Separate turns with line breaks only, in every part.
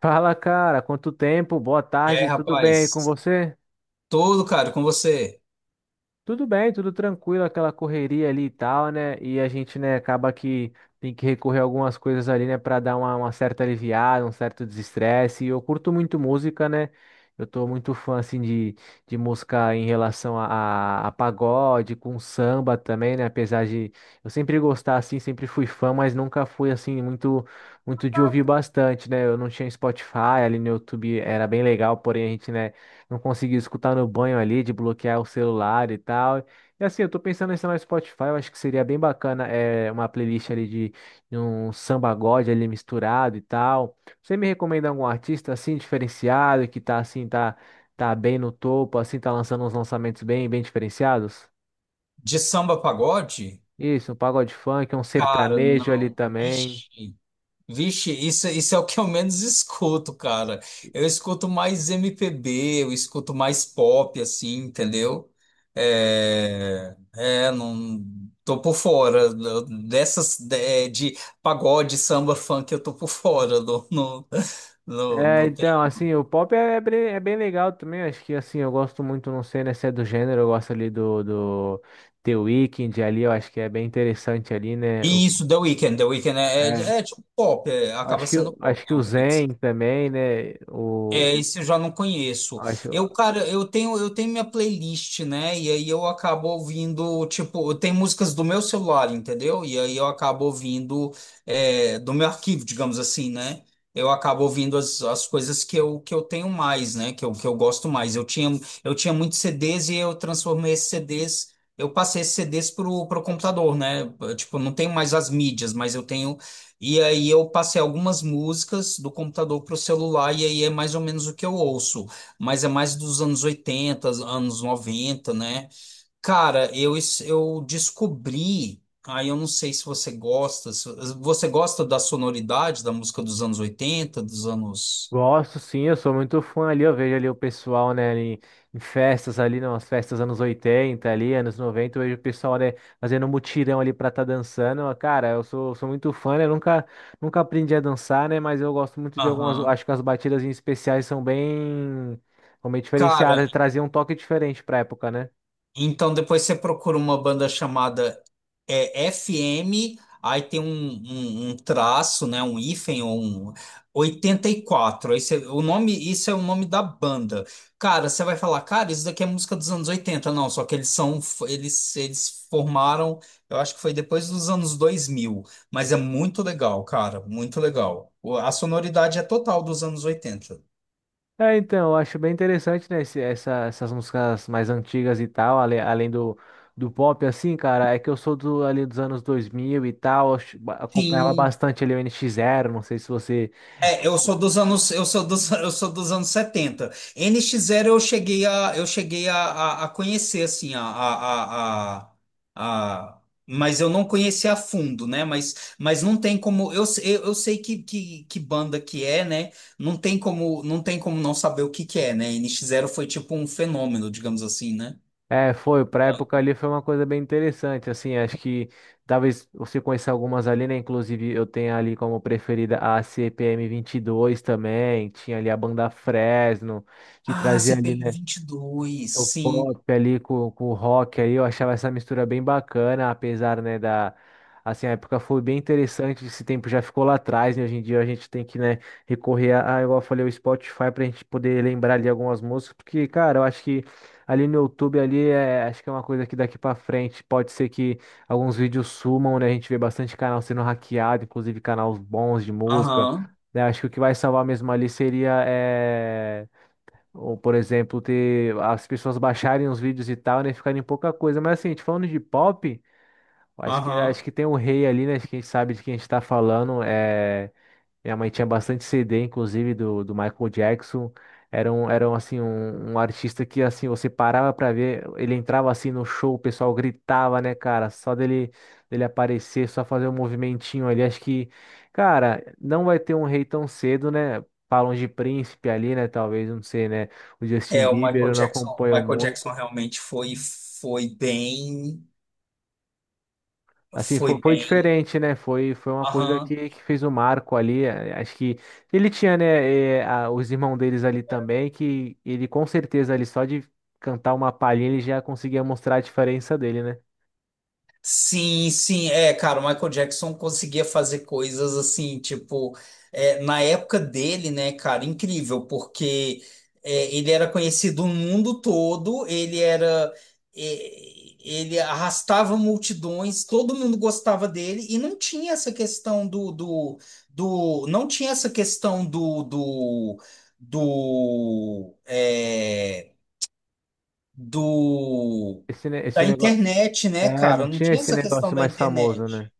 Fala, cara, quanto tempo? Boa
E aí,
tarde, tudo bem com
rapaz?
você?
Todo, cara, com você?
Tudo bem, tudo tranquilo, aquela correria ali e tal, né? E a gente, né, acaba que tem que recorrer a algumas coisas ali, né, para dar uma certa aliviada, um certo desestresse. E eu curto muito música, né? Eu tô muito fã, assim, de, música em relação a pagode, com samba também, né? Apesar de eu sempre gostar, assim, sempre fui fã, mas nunca fui, assim, muito, muito de ouvir bastante, né? Eu não tinha Spotify, ali no YouTube era bem legal, porém a gente, né, não conseguir escutar no banho ali, de bloquear o celular e tal. E assim, eu tô pensando em instalar no Spotify, eu acho que seria bem bacana é, uma playlist ali de, um samba god ali misturado e tal. Você me recomenda algum artista assim, diferenciado, que tá assim, tá bem no topo, assim, tá lançando uns lançamentos bem, bem diferenciados?
De samba a pagode?
Isso, um pagode funk, um
Cara,
sertanejo ali
não.
também.
Vixe. Vixe, isso é o que eu menos escuto, cara. Eu escuto mais MPB, eu escuto mais pop, assim, entendeu? É, não. Tô por fora dessas de pagode, samba, funk, eu tô por fora. Não, não, não,
É,
não tem.
então, assim, o pop é bem legal também. Acho que, assim, eu gosto muito, não sei, né, se é do gênero, eu gosto ali do The Weeknd ali, eu acho que é bem interessante ali, né?
Isso, The Weeknd é,
É,
é, é tipo pop, é, acaba
acho que,
sendo pop,
acho que
eu
o
creio.
Zen também, né?
É, esse eu já não conheço.
Acho,
Eu, cara, eu tenho minha playlist, né? E aí eu acabo ouvindo, tipo, eu tenho músicas do meu celular, entendeu? E aí eu acabo ouvindo, do meu arquivo, digamos assim, né? Eu acabo ouvindo as coisas que eu tenho mais, né? Que eu gosto mais. Eu tinha muitos CDs e eu transformei esses CDs, eu passei esses CDs pro computador, né? Tipo, eu não tenho mais as mídias, mas eu tenho, e aí eu passei algumas músicas do computador para o celular e aí é mais ou menos o que eu ouço, mas é mais dos anos oitenta, anos noventa, né? Cara, eu descobri, aí eu não sei se você gosta, você gosta da sonoridade da música dos anos oitenta, dos anos.
Gosto sim, eu sou muito fã ali, eu vejo ali o pessoal, né, ali em festas ali, nas festas anos 80 ali, anos 90 eu vejo o pessoal, né, fazendo mutirão ali pra tá dançando, cara, eu sou muito fã, né, nunca aprendi a dançar, né, mas eu gosto muito de algumas,
Aham.
acho que as batidas em especiais são bem
Cara,
diferenciadas, traziam um toque diferente pra época, né?
então depois você procura uma banda chamada FM, aí tem um, um, um traço, né, um hífen ou um 84. Aí você, o nome, isso é o nome da banda. Cara, você vai falar, cara, isso daqui é música dos anos oitenta. Não, só que eles são eles formaram, eu acho que foi depois dos anos dois mil, mas é muito legal, cara, muito legal. A sonoridade é total dos anos oitenta.
É, então, eu acho bem interessante, né, essas músicas mais antigas e tal, além do, pop, assim, cara, é que eu sou do, ali dos anos 2000 e tal, acompanhava
Sim.
bastante ali o NX Zero, não sei se você...
É, eu sou dos anos, eu sou dos anos setenta. N NX Zero eu cheguei a conhecer, assim a- mas eu não conheci a fundo, né? Mas não tem como eu, se- eu sei que banda que é, né? Não tem como, não tem como não saber o que que é, né? N NX Zero foi tipo um fenômeno, digamos assim, né?
É, foi, pra época ali foi uma coisa bem interessante, assim, acho que talvez você conheça algumas ali, né, inclusive eu tenho ali como preferida a CPM dois também, tinha ali a banda Fresno, que
Ah,
trazia
C P
ali,
M
né,
22,
o
sim.
pop ali com, o rock aí, eu achava essa mistura bem bacana, apesar, né, da... Assim, a época foi bem interessante, esse tempo já ficou lá atrás, né? Hoje em dia a gente tem que, né, recorrer a, igual eu falei, o Spotify pra gente poder lembrar ali algumas músicas, porque, cara, eu acho que ali no YouTube ali, é, acho que é uma coisa que daqui pra frente pode ser que alguns vídeos sumam, né? A gente vê bastante canal sendo hackeado, inclusive canais bons de música,
Aham.
né? Acho que o que vai salvar mesmo ali seria, ou, por exemplo, ter as pessoas baixarem os vídeos e tal, né? Ficarem pouca coisa. Mas assim, a gente falando de pop, eu acho que, acho
Aham.
que tem um rei ali, né? Acho que a gente sabe de quem a gente tá falando. É. Minha mãe tinha bastante CD, inclusive, do Michael Jackson. Era um, assim, um artista que, assim, você parava pra ver, ele entrava, assim, no show, o pessoal gritava, né, cara? Só dele aparecer, só fazer um movimentinho ali. Acho que, cara, não vai ter um rei tão cedo, né? Falam de príncipe ali, né? Talvez, não sei, né? O Justin
É, o
Bieber
Michael
eu não
Jackson, o
acompanho
Michael
muito.
Jackson realmente foi foi bem,
Assim, fo-
foi
foi,
bem,
diferente, né? Foi uma coisa que fez o marco ali. Acho que ele tinha, né, os irmãos deles ali também, que ele com certeza ali só de cantar uma palhinha ele já conseguia mostrar a diferença dele, né?
Sim, sim, é, cara, o Michael Jackson conseguia fazer coisas assim, tipo, na época dele, né, cara, incrível, porque ele era conhecido no mundo todo, ele era, é, ele arrastava multidões, todo mundo gostava dele, e não tinha essa questão do não tinha essa questão do, é, do
Esse
da
negócio.
internet, né,
É,
cara?
não
Não
tinha
tinha
esse
essa questão
negócio
da
mais famoso,
internet.
né?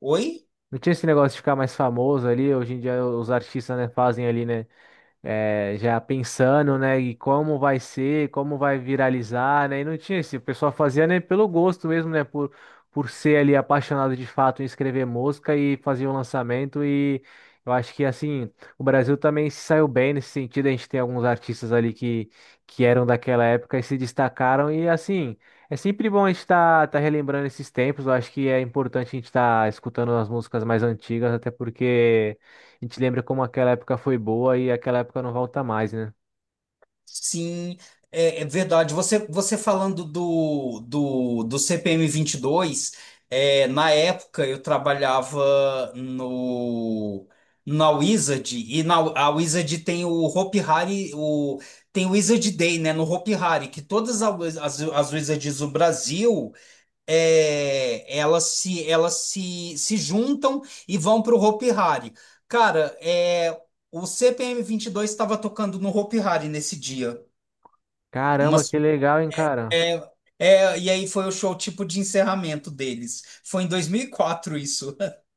Oi?
Não tinha esse negócio de ficar mais famoso ali. Hoje em dia os artistas, né, fazem ali, né, já pensando, né, e como vai ser, como vai viralizar, né, e não tinha esse, o pessoal fazia, né, pelo gosto mesmo, né, por ser ali apaixonado de fato em escrever música e fazer um lançamento e eu acho que, assim, o Brasil também se saiu bem nesse sentido, a gente tem alguns artistas ali que, eram daquela época e se destacaram e, assim... É sempre bom a gente estar relembrando esses tempos. Eu acho que é importante a gente estar escutando as músicas mais antigas, até porque a gente lembra como aquela época foi boa e aquela época não volta mais, né?
Sim, é verdade. Você falando do CPM dois, é, na época eu trabalhava no na Wizard, e na a Wizard tem o Hopi Hari, o tem o Wizard Day, né, no Hopi Hari, que todas as Wizards do Brasil, elas se juntam e vão para o Hopi Hari. Cara, é, o CPM dois estava tocando no Hopi Hari nesse dia.
Caramba,
Umas,
que legal, hein, cara?
é, e aí foi o show tipo de encerramento deles. Foi em 2004 isso.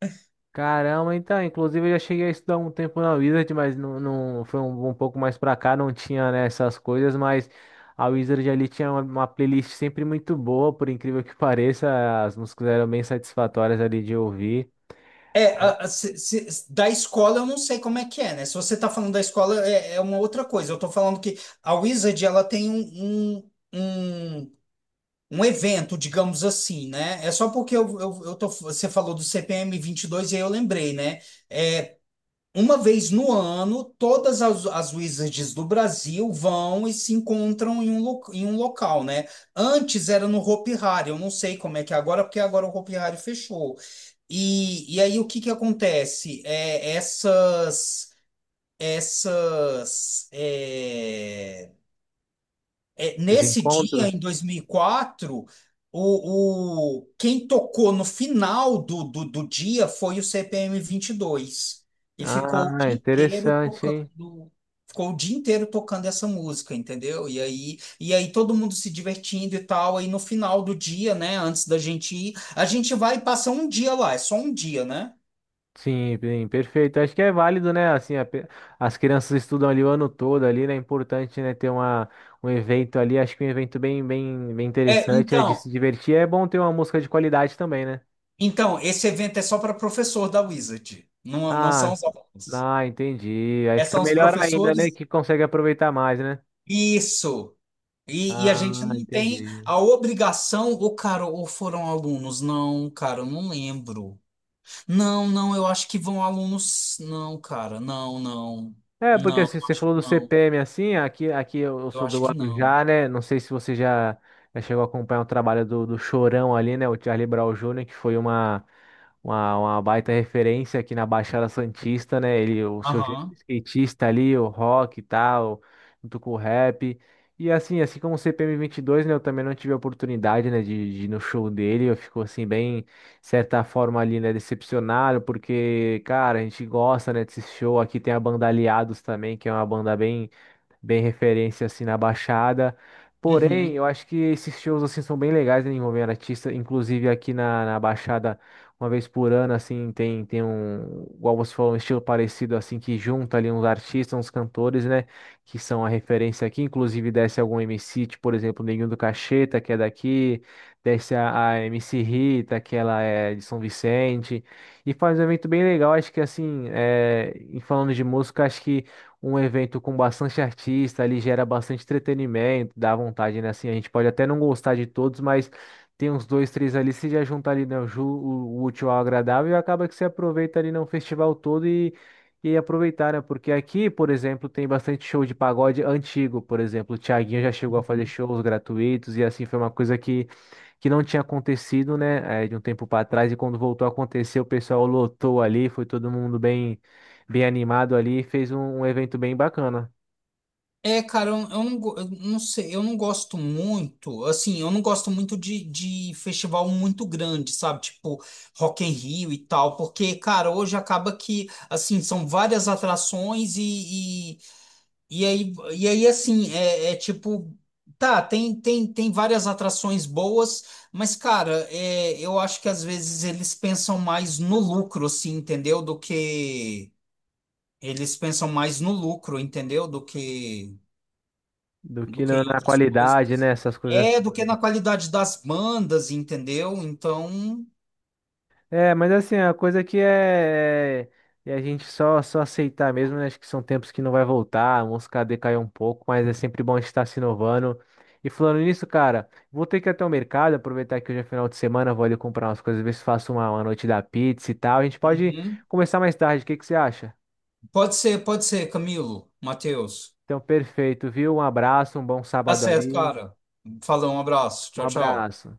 Caramba, então, inclusive eu já cheguei a estudar um tempo na Wizard, mas não, não foi um, pouco mais pra cá, não tinha, né, essas coisas, mas a Wizard ali tinha uma playlist sempre muito boa, por incrível que pareça, as músicas eram bem satisfatórias ali de ouvir.
É,
Ah,
da escola eu não sei como é que é, né? Se você tá falando da escola é uma outra coisa. Eu tô falando que a Wizard, ela tem um evento, digamos assim, né? É só porque eu tô, você falou do CPM 22 e dois e aí eu lembrei, né? É, uma vez no ano, todas as Wizards do Brasil vão e se encontram em um local, né? Antes era no Hopi Hari, eu não sei como é que é agora, porque agora o Hopi Hari fechou. E aí, o que que acontece? É, essas. Essas, é, é,
os
nesse dia, em
encontros.
2004, quem tocou no final do dia foi o CPM 22. E dois. E ficou o
Ah,
dia inteiro
interessante,
tocando,
hein?
ficou o dia inteiro tocando essa música, entendeu? E aí, todo mundo se divertindo e tal. Aí no final do dia, né, antes da gente ir, a gente vai e passa um dia lá, é só um dia, né?
Sim, bem, perfeito. Acho que é válido, né? Assim, as crianças estudam ali o ano todo ali, né? É importante, né, ter um evento ali. Acho que um evento bem, bem, bem
É,
interessante, né? De
então,
se divertir. É bom ter uma música de qualidade também, né?
esse evento é só para professor da Wizard, não, não
Ah,
são os alunos.
ah, entendi. Aí
É,
fica
são os
melhor ainda, né?
professores.
Que consegue aproveitar mais, né?
Isso. E a gente
Ah,
não tem
entendi.
a obrigação, ou cara, ou foram alunos? Não, cara, eu não lembro. Não, não, eu acho que vão alunos. Não, cara, não, não.
É, porque
Não,
se
eu
você
acho
falou
que
do
não.
CPM assim, aqui eu
Eu
sou do
acho que não.
Guarujá, né? Não sei se você já chegou a acompanhar o trabalho do, Chorão ali, né? O Charlie Brown Jr., que foi uma baita referência aqui na Baixada Santista, né? Ele, o seu jeito de
Aham.
skatista ali, o rock e tal, junto com o rap. E assim, assim como o CPM dois, né? Eu também não tive a oportunidade, né, de ir no show dele. Eu fico assim, bem certa forma ali, né, decepcionado, porque, cara, a gente gosta, né, desse show. Aqui tem a banda Aliados também, que é uma banda bem, bem referência assim na Baixada. Porém,
Uhum.
eu acho que esses shows assim são bem legais, né, envolvendo artista, inclusive aqui na, Baixada, uma vez por ano assim, tem um, igual você falou, um estilo parecido assim que junta ali uns artistas, uns cantores, né, que são a referência aqui, inclusive desce algum MC, tipo, por exemplo, o Neguinho do Cacheta, que é daqui, desce a MC Rita, que ela é de São Vicente, e faz um evento bem legal, acho que assim, é, e falando de música, acho que um evento com bastante artista, ali gera bastante entretenimento, dá vontade, né? Assim, a gente pode até não gostar de todos, mas tem uns dois, três ali, se já junta ali, né, o útil ao agradável e acaba que você aproveita ali, né, o festival todo. E aproveitar, né? Porque aqui, por exemplo, tem bastante show de pagode antigo, por exemplo. O Thiaguinho já chegou a fazer
Uhum.
shows gratuitos e assim foi uma coisa que não tinha acontecido, né? De um tempo para trás e quando voltou a acontecer, o pessoal lotou ali, foi todo mundo bem bem animado ali, fez um evento bem bacana.
É, cara, eu não sei, eu não gosto muito, assim, eu não gosto muito de festival muito grande, sabe? Tipo, Rock in Rio e tal, porque, cara, hoje acaba que, assim, são várias atrações e, e aí assim, é tipo, tá, tem várias atrações boas, mas, cara, é, eu acho que às vezes eles pensam mais no lucro, assim, entendeu? Do que. Eles pensam mais no lucro, entendeu? Do que,
Do
do
que
que
na,
em
na
outras
qualidade, né?
coisas.
Essas coisas
É, do que
todas.
na qualidade das bandas, entendeu? Então.
É, mas assim, a coisa que é a gente só aceitar mesmo, né? Acho que são tempos que não vai voltar, a música decaiu um pouco, mas é sempre bom estar se inovando. E falando nisso, cara, vou ter que ir até o mercado, aproveitar que hoje é final de semana, vou ali comprar umas coisas, ver se faço uma noite da pizza e tal. A gente pode
Uhum.
começar mais tarde, o que que você acha?
Pode ser, Camilo, Matheus.
Então, perfeito, viu? Um abraço, um bom
Tá
sábado
certo,
aí.
cara. Falou, um abraço.
Um
Tchau, tchau.
abraço.